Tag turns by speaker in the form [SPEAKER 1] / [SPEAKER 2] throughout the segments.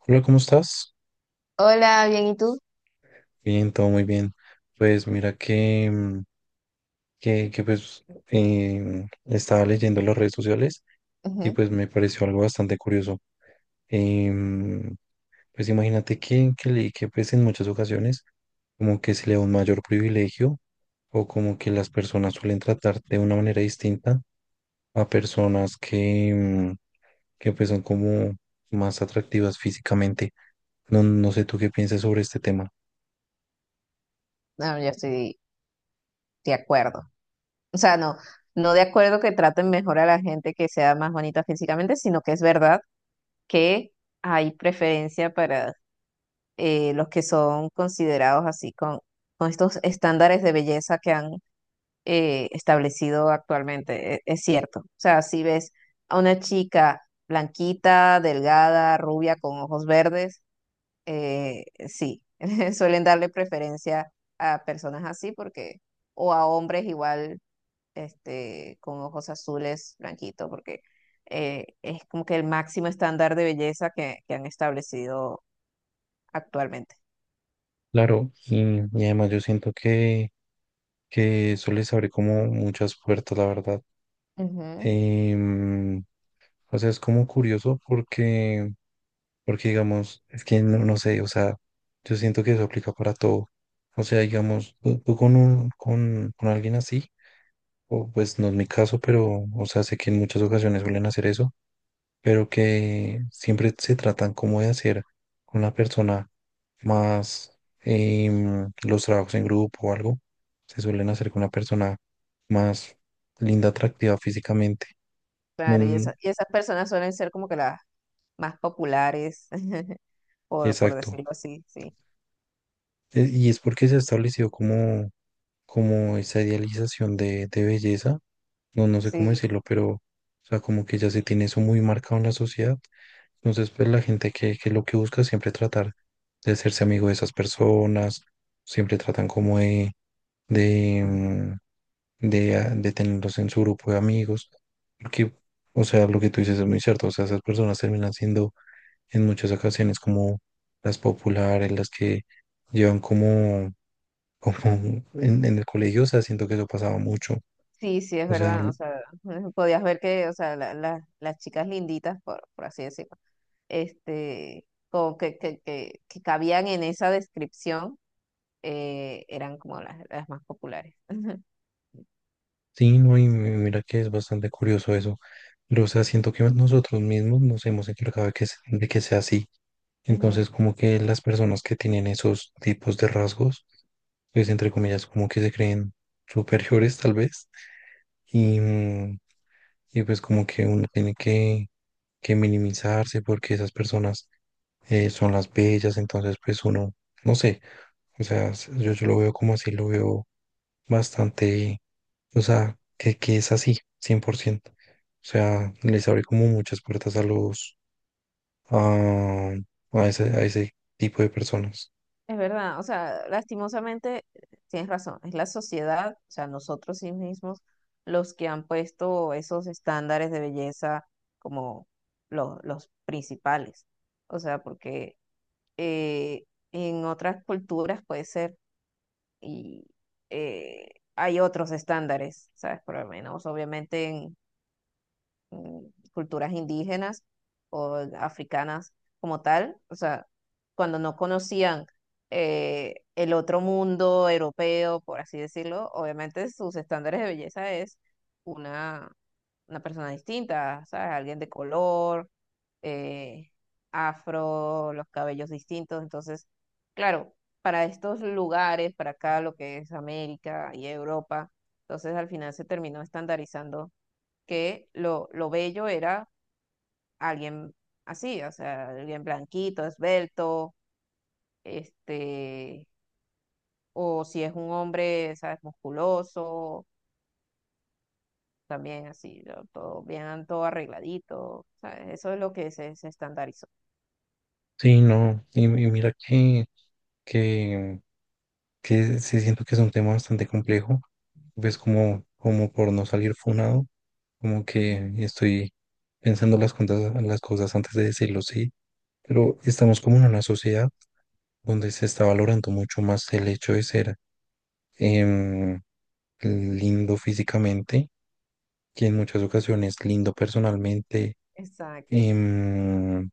[SPEAKER 1] Hola, ¿cómo estás?
[SPEAKER 2] Hola, bien, ¿y tú?
[SPEAKER 1] Bien, todo muy bien. Pues mira que estaba leyendo las redes sociales y
[SPEAKER 2] Ujú.
[SPEAKER 1] pues me pareció algo bastante curioso. Em, pues imagínate que leí que pues en muchas ocasiones como que se le da un mayor privilegio o como que las personas suelen tratar de una manera distinta a personas que que pues son como más atractivas físicamente. No sé tú qué piensas sobre este tema.
[SPEAKER 2] No, yo estoy de acuerdo. O sea, no, no de acuerdo que traten mejor a la gente que sea más bonita físicamente, sino que es verdad que hay preferencia para los que son considerados así con estos estándares de belleza que han establecido actualmente. Es cierto. O sea, si ves a una chica blanquita, delgada, rubia, con ojos verdes, sí, suelen darle preferencia a personas así porque, o a hombres igual, este, con ojos azules, blanquitos, porque es como que el máximo estándar de belleza que han establecido actualmente.
[SPEAKER 1] Claro, y además yo siento que eso les abre como muchas puertas, la verdad.
[SPEAKER 2] Ujú.
[SPEAKER 1] Em, o sea, es como curioso porque digamos, es que no sé, o sea, yo siento que eso aplica para todo. O sea, digamos, tú con con alguien así, o pues no es mi caso, pero, o sea, sé que en muchas ocasiones suelen hacer eso pero que siempre se tratan como de hacer con la persona más los trabajos en grupo o algo, se suelen hacer con una persona más linda, atractiva físicamente.
[SPEAKER 2] Claro, y,
[SPEAKER 1] No,
[SPEAKER 2] y esas personas suelen ser como que las más populares, por
[SPEAKER 1] exacto.
[SPEAKER 2] decirlo así, sí.
[SPEAKER 1] Y es porque se ha establecido como, como esa idealización de belleza, no sé cómo
[SPEAKER 2] Sí.
[SPEAKER 1] decirlo, pero o sea, como que ya se tiene eso muy marcado en la sociedad. Entonces, pues la gente que lo que busca es siempre tratar de hacerse amigo de esas personas, siempre tratan como de, mm, de tenerlos en su grupo de amigos, porque, o sea, lo que tú dices es muy cierto, o sea, esas personas terminan siendo en muchas ocasiones como las populares, las que llevan como, como en el colegio, o sea, siento que eso pasaba mucho,
[SPEAKER 2] Sí, sí, es
[SPEAKER 1] o sea,
[SPEAKER 2] verdad. O sea, podías ver que, o sea, las chicas linditas, por así decirlo, este, como que cabían en esa descripción, eran como las más populares.
[SPEAKER 1] sí, no, y mira que es bastante curioso eso. Pero, o sea, siento que nosotros mismos nos hemos encargado de de que sea así.
[SPEAKER 2] Ujú.
[SPEAKER 1] Entonces, como que las personas que tienen esos tipos de rasgos, pues entre comillas, como que se creen superiores tal vez. Y pues como que uno tiene que minimizarse porque esas personas son las bellas, entonces pues uno, no sé, o sea, yo lo veo como así, lo veo bastante, o sea, que es así, cien por ciento. O sea, les abre como muchas puertas a a, a ese tipo de personas.
[SPEAKER 2] Es verdad, o sea, lastimosamente tienes razón, es la sociedad, o sea, nosotros sí mismos, los que han puesto esos estándares de belleza como los principales. O sea, porque eh, en otras culturas puede ser, y eh, hay otros estándares, ¿sabes? Por lo menos, obviamente, en, mm, culturas indígenas o africanas como tal, o sea, cuando no conocían el otro mundo europeo, por así decirlo, obviamente sus estándares de belleza es una, una persona distinta, ¿sabes? Alguien de color, eh, afro, los cabellos distintos, entonces, claro, para estos lugares, para acá lo que es América y Europa, entonces al final se terminó estandarizando que lo bello era alguien así, o sea, alguien blanquito, esbelto, este, o si es un hombre, ¿sabes? Musculoso, también así, ¿no? Todo bien, todo arregladito, ¿sabes? Eso es lo que se estandarizó.
[SPEAKER 1] Sí, no, y mira que que sí siento que es un tema bastante complejo, pues
[SPEAKER 2] Sí.
[SPEAKER 1] como, como por no salir funado, como
[SPEAKER 2] Ujú.
[SPEAKER 1] que estoy pensando las cosas antes de decirlo, sí, pero estamos como en una sociedad donde se está valorando mucho más el hecho de ser em, lindo físicamente que en muchas ocasiones lindo personalmente,
[SPEAKER 2] Exacto,
[SPEAKER 1] em,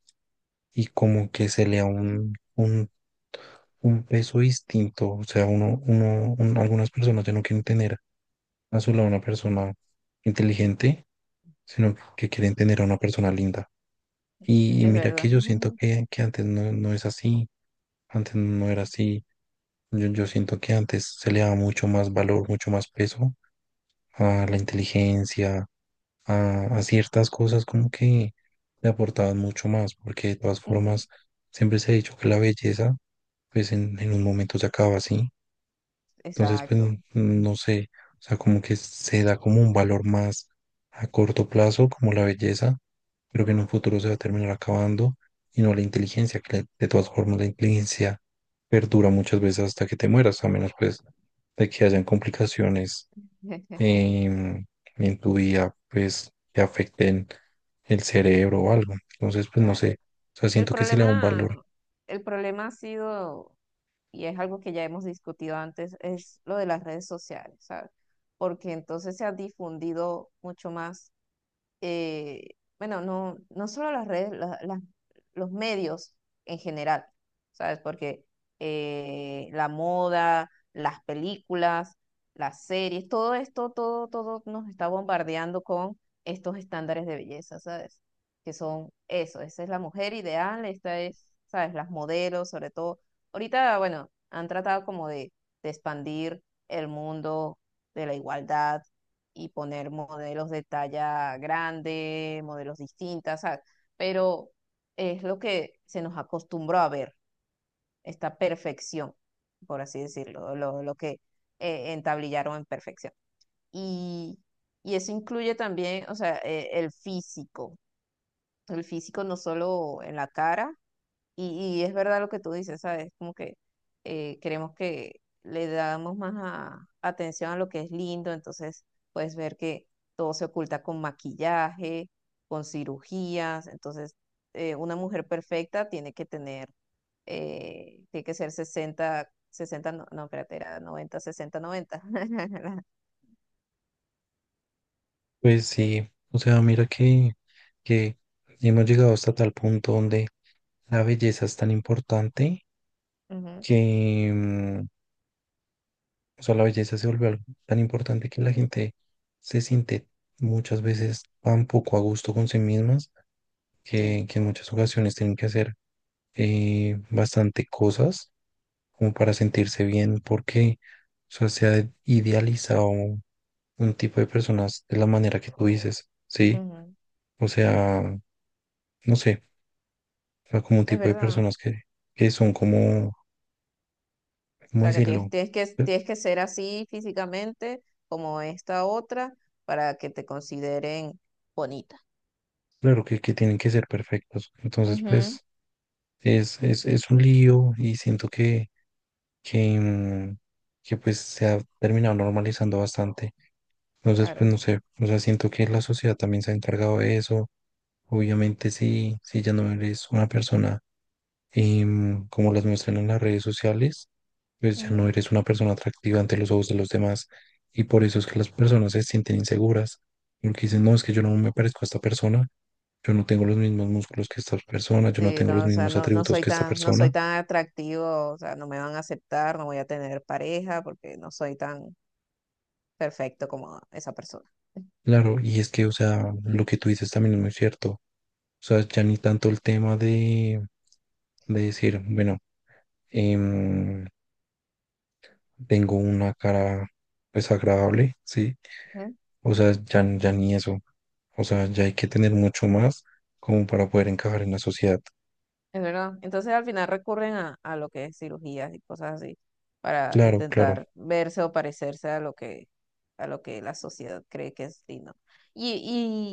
[SPEAKER 1] y como que se le da un peso distinto. O sea, algunas personas ya no quieren tener a su lado una persona inteligente, sino que quieren tener a una persona linda. Y
[SPEAKER 2] es
[SPEAKER 1] mira que
[SPEAKER 2] verdad.
[SPEAKER 1] yo siento
[SPEAKER 2] Ujú,
[SPEAKER 1] que antes no, no es así, antes no era así. Yo siento que antes se le daba mucho más valor, mucho más peso a la inteligencia, a ciertas cosas como que le aportaban mucho más, porque de todas
[SPEAKER 2] ujú.
[SPEAKER 1] formas siempre se ha dicho que la belleza pues en un momento se acaba sí. Entonces, pues
[SPEAKER 2] Exacto.
[SPEAKER 1] no sé, o sea, como que se da como un valor más a corto plazo, como la belleza, pero que en un futuro se va a terminar acabando, y no la inteligencia, de todas formas la inteligencia perdura muchas veces hasta que te mueras, a menos pues de que hayan complicaciones em, en tu vida, pues te afecten el cerebro o algo. Entonces, pues no
[SPEAKER 2] Claro.
[SPEAKER 1] sé, o sea,
[SPEAKER 2] El
[SPEAKER 1] siento que se le da un valor.
[SPEAKER 2] problema, el problema ha sido y es algo que ya hemos discutido antes, es lo de las redes sociales, ¿sabes? Porque entonces se ha difundido mucho más eh, bueno, no, no solo las redes, los medios en general, ¿sabes? Porque la moda, las películas, las series, todo esto, todo nos está bombardeando con estos estándares de belleza, ¿sabes? Que son eso, esa es la mujer ideal, esta es, ¿sabes? Las modelos, sobre todo. Ahorita, bueno, han tratado como de expandir el mundo de la igualdad y poner modelos de talla grande, modelos distintas, ¿sabes? Pero es lo que se nos acostumbró a ver, esta perfección, por así decirlo, lo que entablillaron en perfección. Y, y eso incluye también, o sea, el físico no solo en la cara, y es verdad lo que tú dices, ¿sabes? Como que queremos que le damos más atención a lo que es lindo, entonces puedes ver que todo se oculta con maquillaje, con cirugías, entonces una mujer perfecta tiene que tener, tiene que ser 60-60 no, no, espérate, era 90-60-90
[SPEAKER 1] Pues sí, o sea, mira que hemos llegado hasta tal punto donde la belleza es tan importante
[SPEAKER 2] Ujú,
[SPEAKER 1] que, mm, o sea, la belleza se vuelve algo tan importante que la gente se siente muchas veces tan poco a gusto con sí mismas
[SPEAKER 2] sí,
[SPEAKER 1] que en muchas ocasiones tienen que hacer bastante cosas como para sentirse bien, porque o sea, se ha idealizado un tipo de personas de la manera que tú dices, ¿sí?
[SPEAKER 2] ujú.
[SPEAKER 1] O sea, no sé, o sea, como un
[SPEAKER 2] Es
[SPEAKER 1] tipo de
[SPEAKER 2] verdad.
[SPEAKER 1] personas que son como,
[SPEAKER 2] O
[SPEAKER 1] ¿cómo
[SPEAKER 2] sea, que tienes,
[SPEAKER 1] decirlo?
[SPEAKER 2] tienes que,
[SPEAKER 1] Pues,
[SPEAKER 2] tienes que ser así físicamente como esta otra para que te consideren bonita.
[SPEAKER 1] claro que tienen que ser perfectos. Entonces,
[SPEAKER 2] Ujú,
[SPEAKER 1] pues, es un lío y siento que, mm, que pues se ha terminado normalizando bastante. Entonces, pues
[SPEAKER 2] claro.
[SPEAKER 1] no sé, o sea, siento que la sociedad también se ha encargado de eso. Obviamente, si ya no eres una persona como las muestran en las redes sociales, pues ya no
[SPEAKER 2] Ujú.
[SPEAKER 1] eres una persona atractiva ante los ojos de los demás. Y por eso es que las personas se sienten inseguras, porque dicen, no, es que yo no me parezco a esta persona, yo no tengo los mismos músculos que esta persona, yo no
[SPEAKER 2] Sí,
[SPEAKER 1] tengo los
[SPEAKER 2] no, o sea,
[SPEAKER 1] mismos
[SPEAKER 2] no, no
[SPEAKER 1] atributos
[SPEAKER 2] soy
[SPEAKER 1] que esta
[SPEAKER 2] tan, no soy
[SPEAKER 1] persona.
[SPEAKER 2] tan atractivo, o sea, no me van a aceptar, no voy a tener pareja porque no soy tan perfecto como esa persona.
[SPEAKER 1] Claro, y es que, o sea, lo que tú dices también es muy cierto. O sea, ya ni tanto el tema de decir, bueno, em, tengo una cara desagradable, ¿sí?
[SPEAKER 2] Ujú.
[SPEAKER 1] O sea, ya ni eso. O sea, ya hay que tener mucho más como para poder encajar en la sociedad.
[SPEAKER 2] Es verdad. Entonces al final recurren a lo que es cirugías y cosas así para
[SPEAKER 1] Claro, claro,
[SPEAKER 2] intentar verse o parecerse a lo que la sociedad cree que es lindo. Y,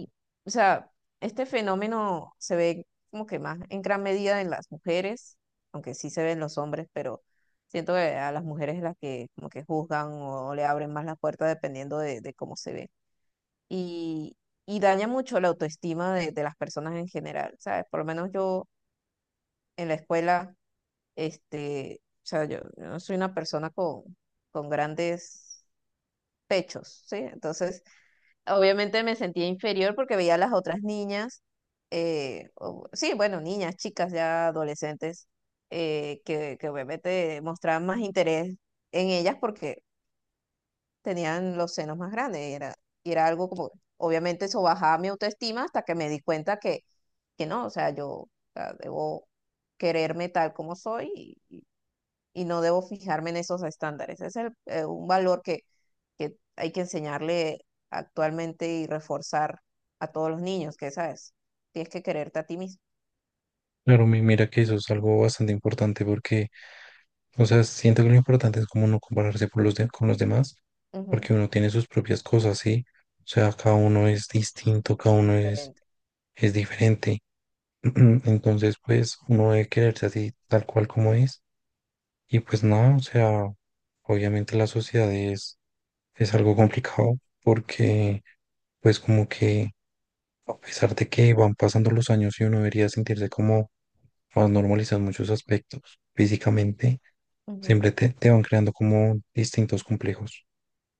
[SPEAKER 2] y, o sea, este fenómeno se ve como que más en gran medida en las mujeres, aunque sí se ven los hombres, pero siento que a las mujeres es las que como que juzgan o le abren más las puertas dependiendo de cómo se ve. Y, y daña mucho la autoestima de las personas en general, ¿sabes? Por lo menos yo en la escuela este, o sea, yo no soy una persona con grandes pechos, ¿sí? Entonces, obviamente me sentía inferior porque veía a las otras niñas, sí, bueno, niñas, chicas ya adolescentes, que, obviamente mostraban más interés en ellas porque tenían los senos más grandes. Y era algo como, obviamente eso bajaba mi autoestima hasta que me di cuenta que, no, o sea, yo o sea, debo quererme tal como soy y no debo fijarme en esos estándares. Es un valor que hay que enseñarle actualmente y reforzar a todos los niños, que sabes, tienes que quererte a ti mismo.
[SPEAKER 1] claro, mira que eso es algo bastante importante porque, o sea, siento que lo importante es como no compararse con los demás,
[SPEAKER 2] Ujú.
[SPEAKER 1] porque uno tiene sus propias cosas, ¿sí? O sea, cada uno es distinto, cada uno
[SPEAKER 2] Diferente.
[SPEAKER 1] es diferente. Entonces, pues, uno debe quererse así tal cual como es. Y pues nada, o sea, obviamente la sociedad es algo complicado, porque pues como que a pesar de que van pasando los años y uno debería sentirse como más normalizado en muchos aspectos físicamente,
[SPEAKER 2] Ujú.
[SPEAKER 1] siempre te van creando como distintos complejos.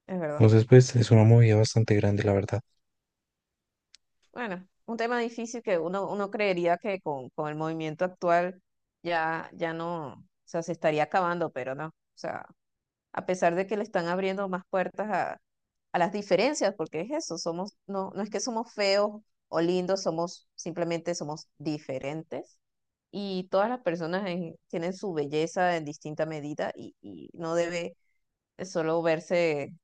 [SPEAKER 2] Es verdad.
[SPEAKER 1] Entonces, pues es una movida bastante grande, la verdad.
[SPEAKER 2] Bueno, un tema difícil que uno creería que con el movimiento actual ya, ya no, o sea, se estaría acabando, pero no. O sea, a pesar de que le están abriendo más puertas a las diferencias, porque es eso, somos, no, no es que somos feos o lindos, somos simplemente somos diferentes y todas las personas tienen su belleza en distinta medida y no debe solo verse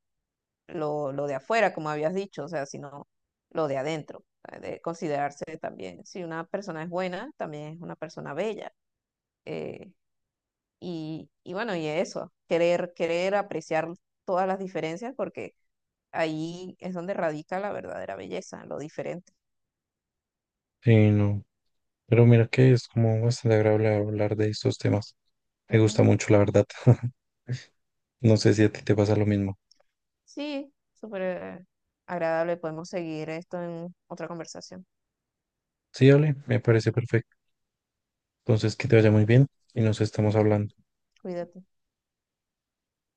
[SPEAKER 2] lo de afuera, como habías dicho, o sea, sino lo de adentro, o sea, de considerarse también, si una persona es buena, también es una persona bella. Eh, y, bueno, y eso, querer apreciar todas las diferencias porque ahí es donde radica la verdadera belleza, lo diferente.
[SPEAKER 1] Sí, no. Pero mira que es como bastante agradable hablar de estos temas. Me gusta
[SPEAKER 2] Ujú.
[SPEAKER 1] mucho, la verdad. No sé si a ti te pasa lo mismo.
[SPEAKER 2] Sí, súper agradable. Podemos seguir esto en otra conversación.
[SPEAKER 1] Sí, Ale, me parece perfecto. Entonces, que te vaya muy bien y nos estamos hablando.
[SPEAKER 2] Cuídate.